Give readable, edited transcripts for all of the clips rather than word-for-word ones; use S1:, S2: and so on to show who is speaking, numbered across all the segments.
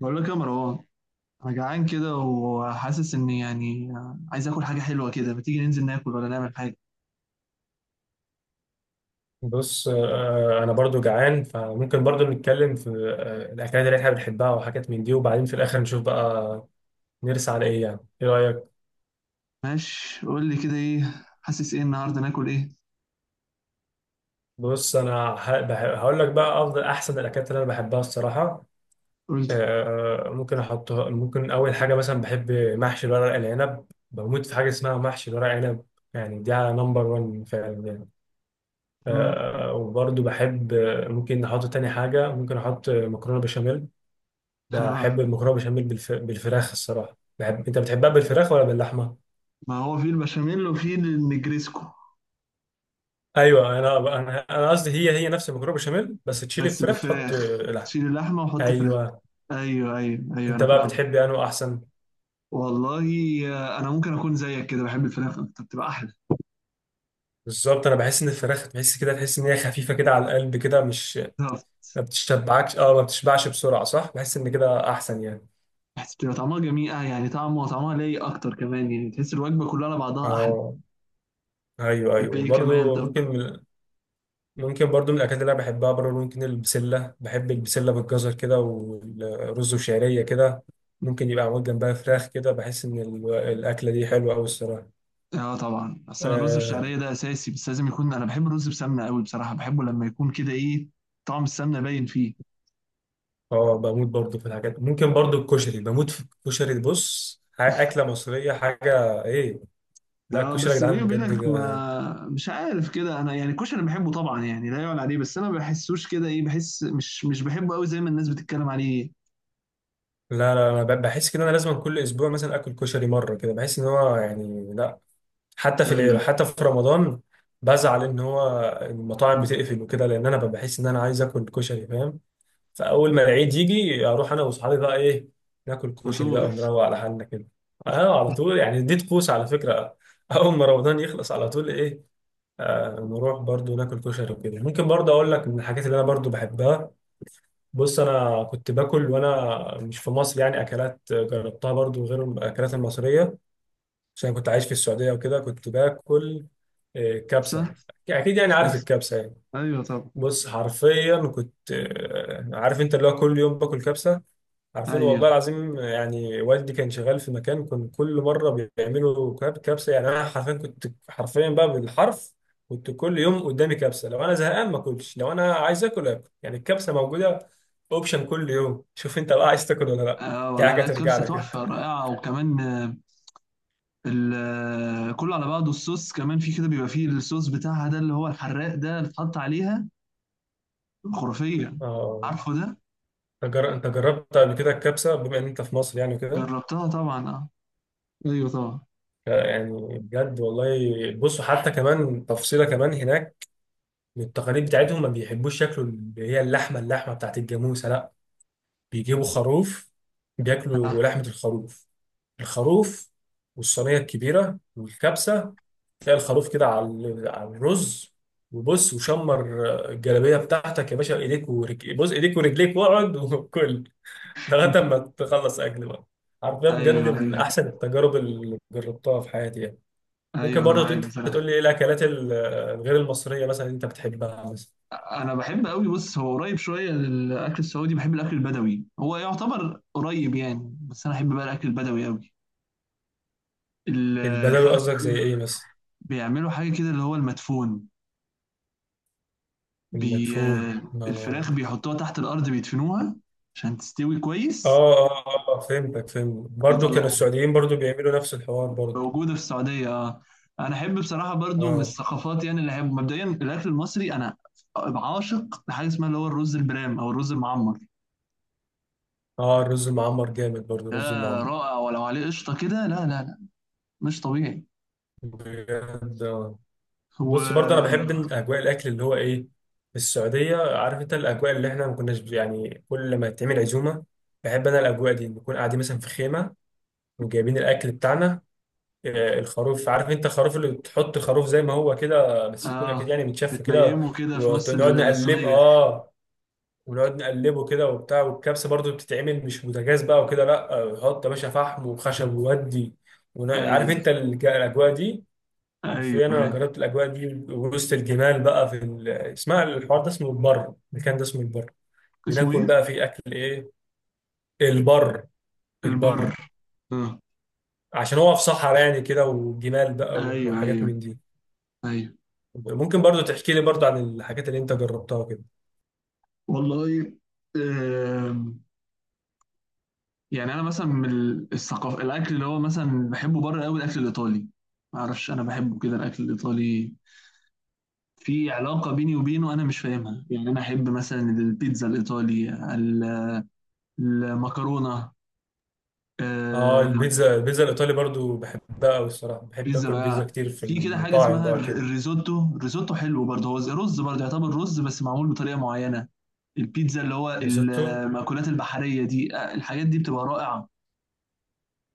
S1: بقول لك يا مروان، انا جعان كده وحاسس اني يعني عايز اكل حاجه حلوه كده. ما تيجي ننزل ناكل ولا نعمل حاجه؟
S2: بص، انا برضو جعان، فممكن برضو نتكلم في الاكلات اللي احنا بنحبها وحاجات من دي، وبعدين في الاخر نشوف بقى نرسى على ايه، يعني ايه رايك؟
S1: ماشي، قول لي كده، ايه حاسس؟ ايه النهارده ناكل ايه؟
S2: بص انا هقول لك بقى افضل احسن الاكلات اللي انا بحبها الصراحه.
S1: قول لي.
S2: ممكن احطها، ممكن اول حاجه مثلا بحب محشي الورق العنب، بموت في حاجه اسمها محشي الورق عنب. يعني دي على نمبر 1 فعلا يعني.
S1: مم.
S2: وبرضو بحب، ممكن احط تاني حاجه، ممكن احط مكرونه بشاميل.
S1: ها،
S2: بحب المكرونه بشاميل بالفراخ الصراحه. بحب، انت بتحبها بالفراخ ولا باللحمه؟
S1: ما هو في البشاميل وفي النجريسكو.
S2: ايوه، انا قصدي هي نفس المكرونه بشاميل بس تشيل
S1: بس
S2: الفراخ تحط
S1: بفراخ،
S2: لحمه.
S1: شيل اللحمه وحط فراخ.
S2: ايوه،
S1: ايوه، ايوه، ايوه،
S2: انت
S1: انا
S2: بقى
S1: فاهم.
S2: بتحب انه احسن؟
S1: والله، انا ممكن اكون زيك كده، بحب الفراخ اكتر، بتبقى احلى.
S2: بالظبط، انا بحس ان الفراخ تحس كده، تحس ان هي خفيفه كده على القلب كده، مش
S1: بالظبط.
S2: ما بتشبعكش. اه ما بتشبعش بسرعه، صح، بحس ان كده احسن يعني.
S1: بحس بتبقى طعمها جميل، يعني طعمها ليا اكتر كمان، يعني تحس الوجبه كلها على بعضها احلى.
S2: اه ايوه
S1: تحب
S2: ايوه،
S1: ايه كمان
S2: برضو
S1: طب؟
S2: ممكن. ممكن برضو من الأكلات اللي أنا بحبها برضو، ممكن البسلة، بحب البسلة بالجزر كده والرز وشعرية كده. ممكن يبقى معمول جنبها فراخ كده، بحس إن الأكلة دي حلوة أوي الصراحة.
S1: اه طبعا. بس انا الرز
S2: آه
S1: بالشعريه ده اساسي. بس لازم يكون، انا بحب الرز بسمنه قوي بصراحه، بحبه لما يكون كده ايه، طعم السمنه باين فيه.
S2: بموت برضو في الحاجات، ممكن برضو الكشري، بموت في الكشري. بص أكلة مصرية حاجة إيه! لا،
S1: اه،
S2: الكشري يا
S1: بس
S2: جدعان
S1: بيني
S2: بجد.
S1: وبينك، ما مش عارف كده انا. يعني الكشري بحبه طبعا، يعني لا يعلى عليه. بس انا ما بحسوش كده ايه، بحس مش بحبه قوي زي ما الناس بتتكلم عليه.
S2: لا لا، أنا بحس كده أنا لازم كل أسبوع مثلا آكل كشري مرة كده، بحس إن هو يعني لا.
S1: ايوه،
S2: حتى في رمضان بزعل ان هو المطاعم بتقفل وكده، لان انا بحس ان انا عايز اكل كشري، فاهم. فاول ما العيد يجي اروح انا واصحابي بقى ايه، ناكل
S1: على
S2: كشري بقى
S1: طول.
S2: ونروق على حالنا كده. اه على طول، يعني دي طقوس على فكره. اول ما رمضان يخلص على طول ايه، نروح برضو ناكل كشري وكده. ممكن برضو اقول لك من الحاجات اللي انا برضو بحبها، بص انا كنت باكل وانا مش في مصر يعني، اكلات جربتها برضو غير الاكلات المصريه، عشان كنت عايش في السعودية وكده، كنت باكل كبسة.
S1: صح.
S2: أكيد يعني، عارف الكبسة يعني.
S1: ايوه، طبعا.
S2: بص حرفيا كنت، عارف أنت اللي هو كل يوم باكل كبسة. عارفين،
S1: ايوه.
S2: والله العظيم يعني والدي كان شغال في مكان، كان كل مرة بيعملوا كبسة. يعني أنا حرفيا كنت، حرفيا بقى بالحرف، كنت كل يوم قدامي كبسة. لو أنا زهقان ما أكلش، لو أنا عايز آكل آكل، يعني الكبسة موجودة أوبشن كل يوم، شوف أنت بقى عايز تاكل ولا لأ.
S1: اه
S2: دي
S1: والله،
S2: حاجة
S1: لا
S2: ترجع
S1: الكبسه
S2: لك أنت.
S1: تحفه رائعه. وكمان كله على بعضه، الصوص كمان، في كده بيبقى فيه الصوص بتاعها ده اللي هو الحراق، ده اللي اتحط عليها. خرافية.
S2: آه
S1: عارفه ده؟
S2: أنت جربت قبل كده الكبسه بما ان انت في مصر يعني وكده.
S1: جربتها طبعا، اه. ايوه، طبعا.
S2: يعني بجد والله. بصوا حتى كمان تفصيله كمان هناك، من التقاليد بتاعتهم ما بيحبوش ياكلوا اللي هي اللحمه، اللحمه بتاعت الجاموسه لا، بيجيبوا خروف،
S1: آه.
S2: بياكلوا لحمه الخروف، الخروف والصينيه الكبيره والكبسه. تلاقي الخروف كده على على الرز، وبص وشمر الجلابيه بتاعتك يا باشا، ايديك ورجليك، بص ايديك ورجليك واقعد وكل لغاية ما تخلص أكل بقى. حرفيا
S1: ايوه،
S2: بجد من
S1: ايوه،
S2: أحسن التجارب اللي جربتها في حياتي يعني.
S1: ايوه،
S2: ممكن
S1: انا
S2: برضه
S1: معاك
S2: أنت تقول
S1: بصراحة.
S2: لي إيه الأكلات الغير المصرية مثلا أنت بتحبها مثلا؟
S1: انا بحب قوي. بص، هو قريب شوية للاكل السعودي، بحب الاكل البدوي. هو يعتبر قريب يعني، بس انا احب بقى الاكل البدوي قوي. الفرخ.
S2: البدوي قصدك زي إيه مثلا؟
S1: بيعملوا حاجة كده اللي هو المدفون. بي...
S2: المدفون،
S1: آه، الفراخ بيحطوها تحت الأرض، بيدفنوها. عشان تستوي كويس.
S2: آه آه فهمتك، فهمت برضه، كانوا
S1: بيطلعوها.
S2: السعوديين برضه بيعملوا نفس الحوار برضه.
S1: موجوده في السعوديه، اه. انا احب بصراحه برضو من
S2: آه
S1: الثقافات، يعني اللي احب مبدئيا الاكل المصري. انا عاشق لحاجه اسمها اللي هو الرز البرام او الرز المعمر.
S2: الرز المعمر، جامد برضه
S1: ده
S2: الرز المعمر
S1: رائع. ولو عليه قشطه كده، لا، لا، لا، مش طبيعي.
S2: بجد بص برضه انا
S1: و
S2: بحب إن اجواء الاكل اللي هو ايه، في السعوديه عارف انت الاجواء اللي احنا ما كناش يعني، كل ما تعمل عزومه بحب انا الاجواء دي، نكون قاعدين مثلا في خيمه وجايبين الاكل بتاعنا، الخروف عارف انت، الخروف اللي تحط خروف زي ما هو كده، بس يكون اكيد
S1: اه،
S2: يعني متشف كده،
S1: بتنيمه كده في نص
S2: ونقعد نقلب
S1: الصينيه.
S2: اه ونقعد نقلبه كده وبتاع. والكبسه برضه بتتعمل مش بوتاجاز بقى وكده، لا حط يا باشا فحم وخشب وودي. عارف
S1: ايوه،
S2: انت الاجواء دي.
S1: ايوه،
S2: حرفيا انا
S1: ايوه.
S2: جربت الاجواء دي وسط الجبال بقى في اسمها الحوار ده اسمه البر، المكان ده اسمه البر،
S1: اسمه
S2: بناكل
S1: ايه؟
S2: بقى فيه اكل ايه، البر،
S1: البر.
S2: البر.
S1: اه.
S2: عشان هو في صحراء يعني كده، وجمال بقى
S1: ايوه،
S2: وحاجات
S1: ايوه،
S2: من دي.
S1: ايوه.
S2: ممكن برضو تحكي لي برضو عن الحاجات اللي انت جربتها كده.
S1: والله. آه. يعني انا مثلا من الثقافه، الاكل اللي هو مثلا بحبه بره قوي الاكل الايطالي. ما اعرفش، انا بحبه كده الاكل الايطالي. في علاقه بيني وبينه انا مش فاهمها. يعني انا احب مثلا البيتزا الايطالي، ال- المكرونه.
S2: اه
S1: آه،
S2: البيتزا، البيتزا الايطالي برضو بحبها قوي الصراحه، بحب
S1: بيتزا
S2: اكل بيتزا
S1: رقاق.
S2: كتير في
S1: في كده حاجه
S2: المطاعم
S1: اسمها
S2: بقى
S1: الر-
S2: وكده.
S1: الريزوتو الريزوتو حلو برضه، هو زي رز برضه، يعتبر رز بس معمول بطريقه معينه. البيتزا اللي هو
S2: ريزوتو،
S1: المأكولات البحريه دي، الحاجات دي بتبقى رائعه.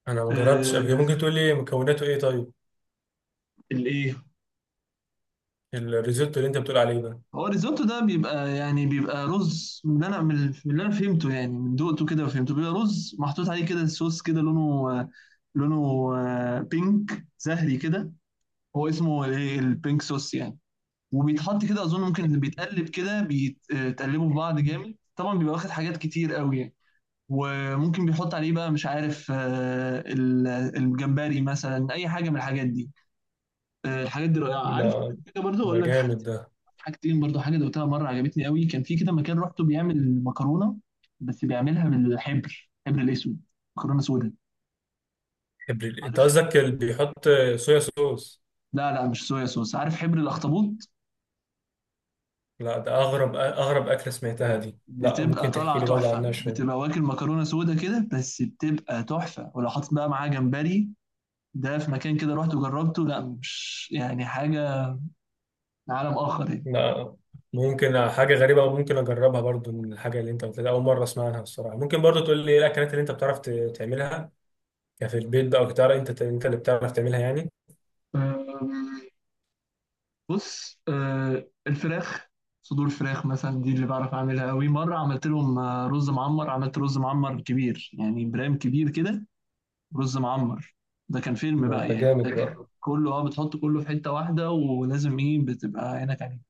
S2: انا ما جربتش قبل كده،
S1: آه،
S2: ممكن تقول لي مكوناته ايه طيب؟
S1: الايه؟
S2: الريزوتو اللي انت بتقول عليه
S1: هو الريزوتو ده بيبقى يعني بيبقى رز، من اللي انا فهمته يعني، من دقته كده وفهمته، بيبقى رز محطوط عليه كده صوص، كده لونه بينك زهري كده. هو اسمه الايه؟ البينك صوص يعني. وبيتحط كده اظن، ممكن اللي بيتقلب كده بيتقلبوا في بعض جامد طبعا، بيبقى واخد حاجات كتير قوي يعني. وممكن بيحط عليه بقى، مش عارف، الجمبري مثلا، اي حاجه من الحاجات دي. الحاجات دي رائعه.
S2: ده
S1: عارف أقول لك حاجه؟ برضو
S2: ده
S1: اقول لك
S2: جامد ده.
S1: حاجتين برضو. حاجة دوقتها مرة عجبتني قوي، كان في كده مكان رحته بيعمل مكرونة. بس بيعملها بالحبر، حبر الأسود. مكرونة سودا.
S2: ابريل انت
S1: عارف.
S2: قصدك اللي بيحط صويا صوص؟
S1: لا، لا، مش صويا صوص. عارف، حبر الأخطبوط.
S2: لا، ده اغرب اغرب اكله سمعتها دي، لا
S1: بتبقى
S2: ممكن تحكي
S1: طالعة
S2: لي برضه
S1: تحفة،
S2: عنها شويه.
S1: بتبقى واكل مكرونة سودا كده، بس بتبقى تحفة، ولو حاطط بقى معاها جمبري. ده في مكان كده رحت وجربته. لا، مش يعني حاجة من عالم آخر.
S2: لا ممكن، حاجه غريبه وممكن اجربها برضه، من الحاجه اللي انت قلتها، اول مره اسمع عنها الصراحه. ممكن برضه تقول لي ايه الاكلات اللي انت بتعرف تعملها كفي البيت بقى، وتعرف انت اللي بتعرف تعملها يعني.
S1: يعني بص، الفراخ، صدور فراخ مثلا دي اللي بعرف اعملها قوي. مره عملت لهم رز معمر. عملت رز معمر كبير يعني، برام كبير كده. رز معمر. ده كان فيلم
S2: ما
S1: بقى
S2: انت
S1: يعني. ده
S2: جامد
S1: كان
S2: بقى.
S1: كله، بتحط كله في حته واحده، ولازم ايه، بتبقى عينك عليه.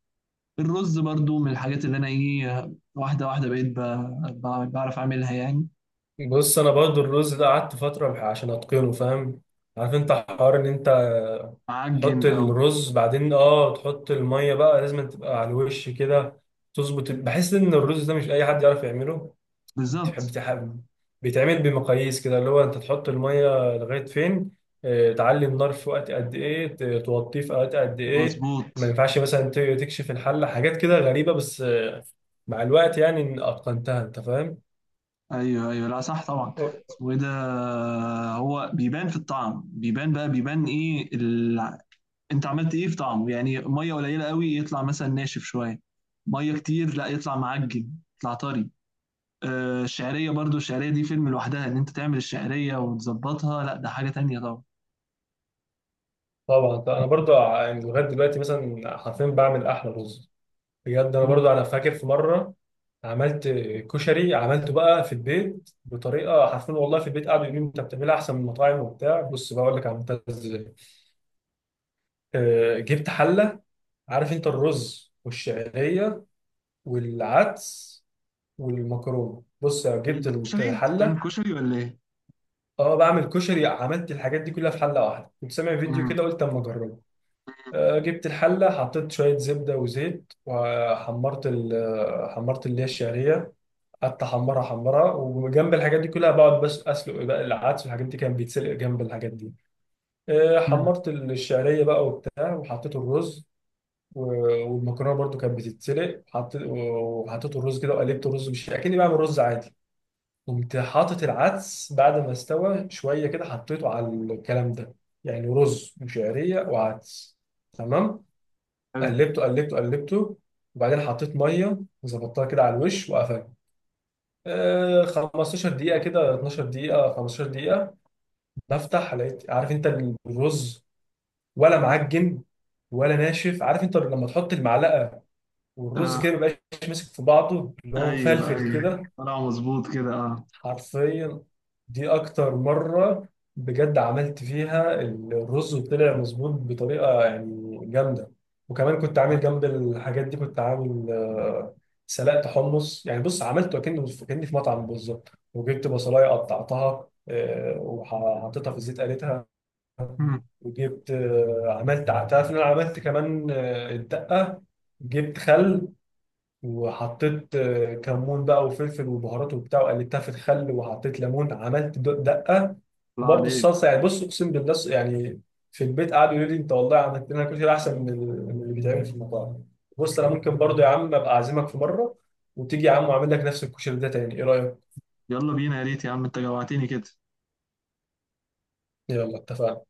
S1: الرز برضو من الحاجات اللي انا ايه، واحده واحده بقيت، بعرف اعملها يعني.
S2: بص انا برضو الرز ده قعدت فتره عشان اتقنه، فاهم. عارف انت حوار ان انت
S1: معجن
S2: تحط الرز، بعدين تحط الميه بقى لازم تبقى على الوش كده، تظبط. بحس ان الرز ده مش اي حد يعرف يعمله. بتحب
S1: بالظبط.
S2: بتحب بيتعمل بمقاييس كده، اللي هو انت تحط الميه لغايه فين، تعلي النار في وقت قد ايه، توطيه في وقت قد ايه. ما
S1: مظبوط.
S2: ينفعش مثلا تكشف الحله، حاجات كده غريبه، بس مع الوقت يعني إن اتقنتها انت، فاهم.
S1: ايوه، ايوه، لا، صح طبعا. اسمه ايه ده؟ هو بيبان في الطعم، بيبان بقى، بيبان ايه انت عملت ايه في طعمه؟ يعني ميه قليله قوي، يطلع مثلا ناشف شويه. ميه كتير، لا يطلع معجن، يطلع طري. الشعريه برضو، الشعريه دي فيلم لوحدها ان انت تعمل الشعريه وتظبطها. لا ده حاجه تانية طبعا.
S2: طبعا طبعاً. انا برضو يعني لغايه دلوقتي مثلا حرفيا بعمل احلى رز بجد. انا
S1: مم.
S2: برضو انا فاكر في مره عملت كشري، عملته بقى في البيت بطريقه، حرفيا والله في البيت قعدوا يقولوا لي انت بتعملها احسن من المطاعم وبتاع. بص بقى اقول لك عملتها ازاي. جبت حله، عارف انت الرز والشعريه والعدس والمكرونه، بص يا
S1: ايه
S2: جبت
S1: ده؟ كشري؟ انت بتعمل
S2: الحله.
S1: كشري ولا ايه؟
S2: اه بعمل كشري، عملت الحاجات دي كلها في حله واحده، كنت سامع فيديو
S1: مم.
S2: كده قلت اما اجربه. جبت الحلة، حطيت شوية زبدة وزيت، وحمرت حمرت اللي هي الشعرية. قعدت أحمرها أحمرها، وجنب الحاجات دي كلها بقعد بس أسلق بقى العدس، والحاجات دي كان بيتسلق جنب الحاجات دي.
S1: مم.
S2: حمرت الشعرية بقى وبتاع، وحطيت الرز. والمكرونة برضو كانت بتتسلق. وحطيت الرز كده، وقلبت الرز مش أكني بعمل رز عادي. قمت حاطط العدس بعد ما استوى شوية كده، حطيته على الكلام ده، يعني رز وشعرية وعدس، تمام.
S1: حلو.
S2: قلبته قلبته قلبته، وبعدين حطيت ميه وظبطتها كده على الوش، وقفلت 15 دقيقه كده، 12 دقيقه، 15 دقيقه. بفتح لقيت، عارف انت الرز ولا معجن ولا ناشف، عارف انت لما تحط المعلقه والرز
S1: آه.
S2: كده ما بيبقاش ماسك في بعضه، اللي هو
S1: ايوه،
S2: مفلفل
S1: ايوه،
S2: كده.
S1: طلع مظبوط كده، اه.
S2: حرفيا دي اكتر مرة بجد عملت فيها الرز وطلع مظبوط بطريقة يعني جامدة. وكمان كنت عامل جنب الحاجات دي، كنت عامل سلقت حمص يعني، بص عملته كأني في مطعم بالظبط. وجبت بصلاية قطعتها، وحطيتها في الزيت قليتها،
S1: مم.
S2: وجبت، عملت، تعرف إن انا عملت كمان الدقة، جبت خل، وحطيت كمون بقى وفلفل وبهارات وبتاع، وقلبتها في الخل وحطيت ليمون، عملت دقه.
S1: طلع
S2: وبرضه
S1: عليك.
S2: الصلصه يعني، بص اقسم بالله يعني في البيت قعدوا يقولوا لي انت والله عملت لنا كشري احسن من من اللي بيتعمل في المطاعم. بص انا ممكن برضه يا عم ابقى اعزمك في مره، وتيجي يا عم واعمل لك نفس الكشري ده تاني، ايه رايك؟
S1: يلا بينا، يا ريت يا عم، انت جوعتني كده.
S2: يلا اتفقنا.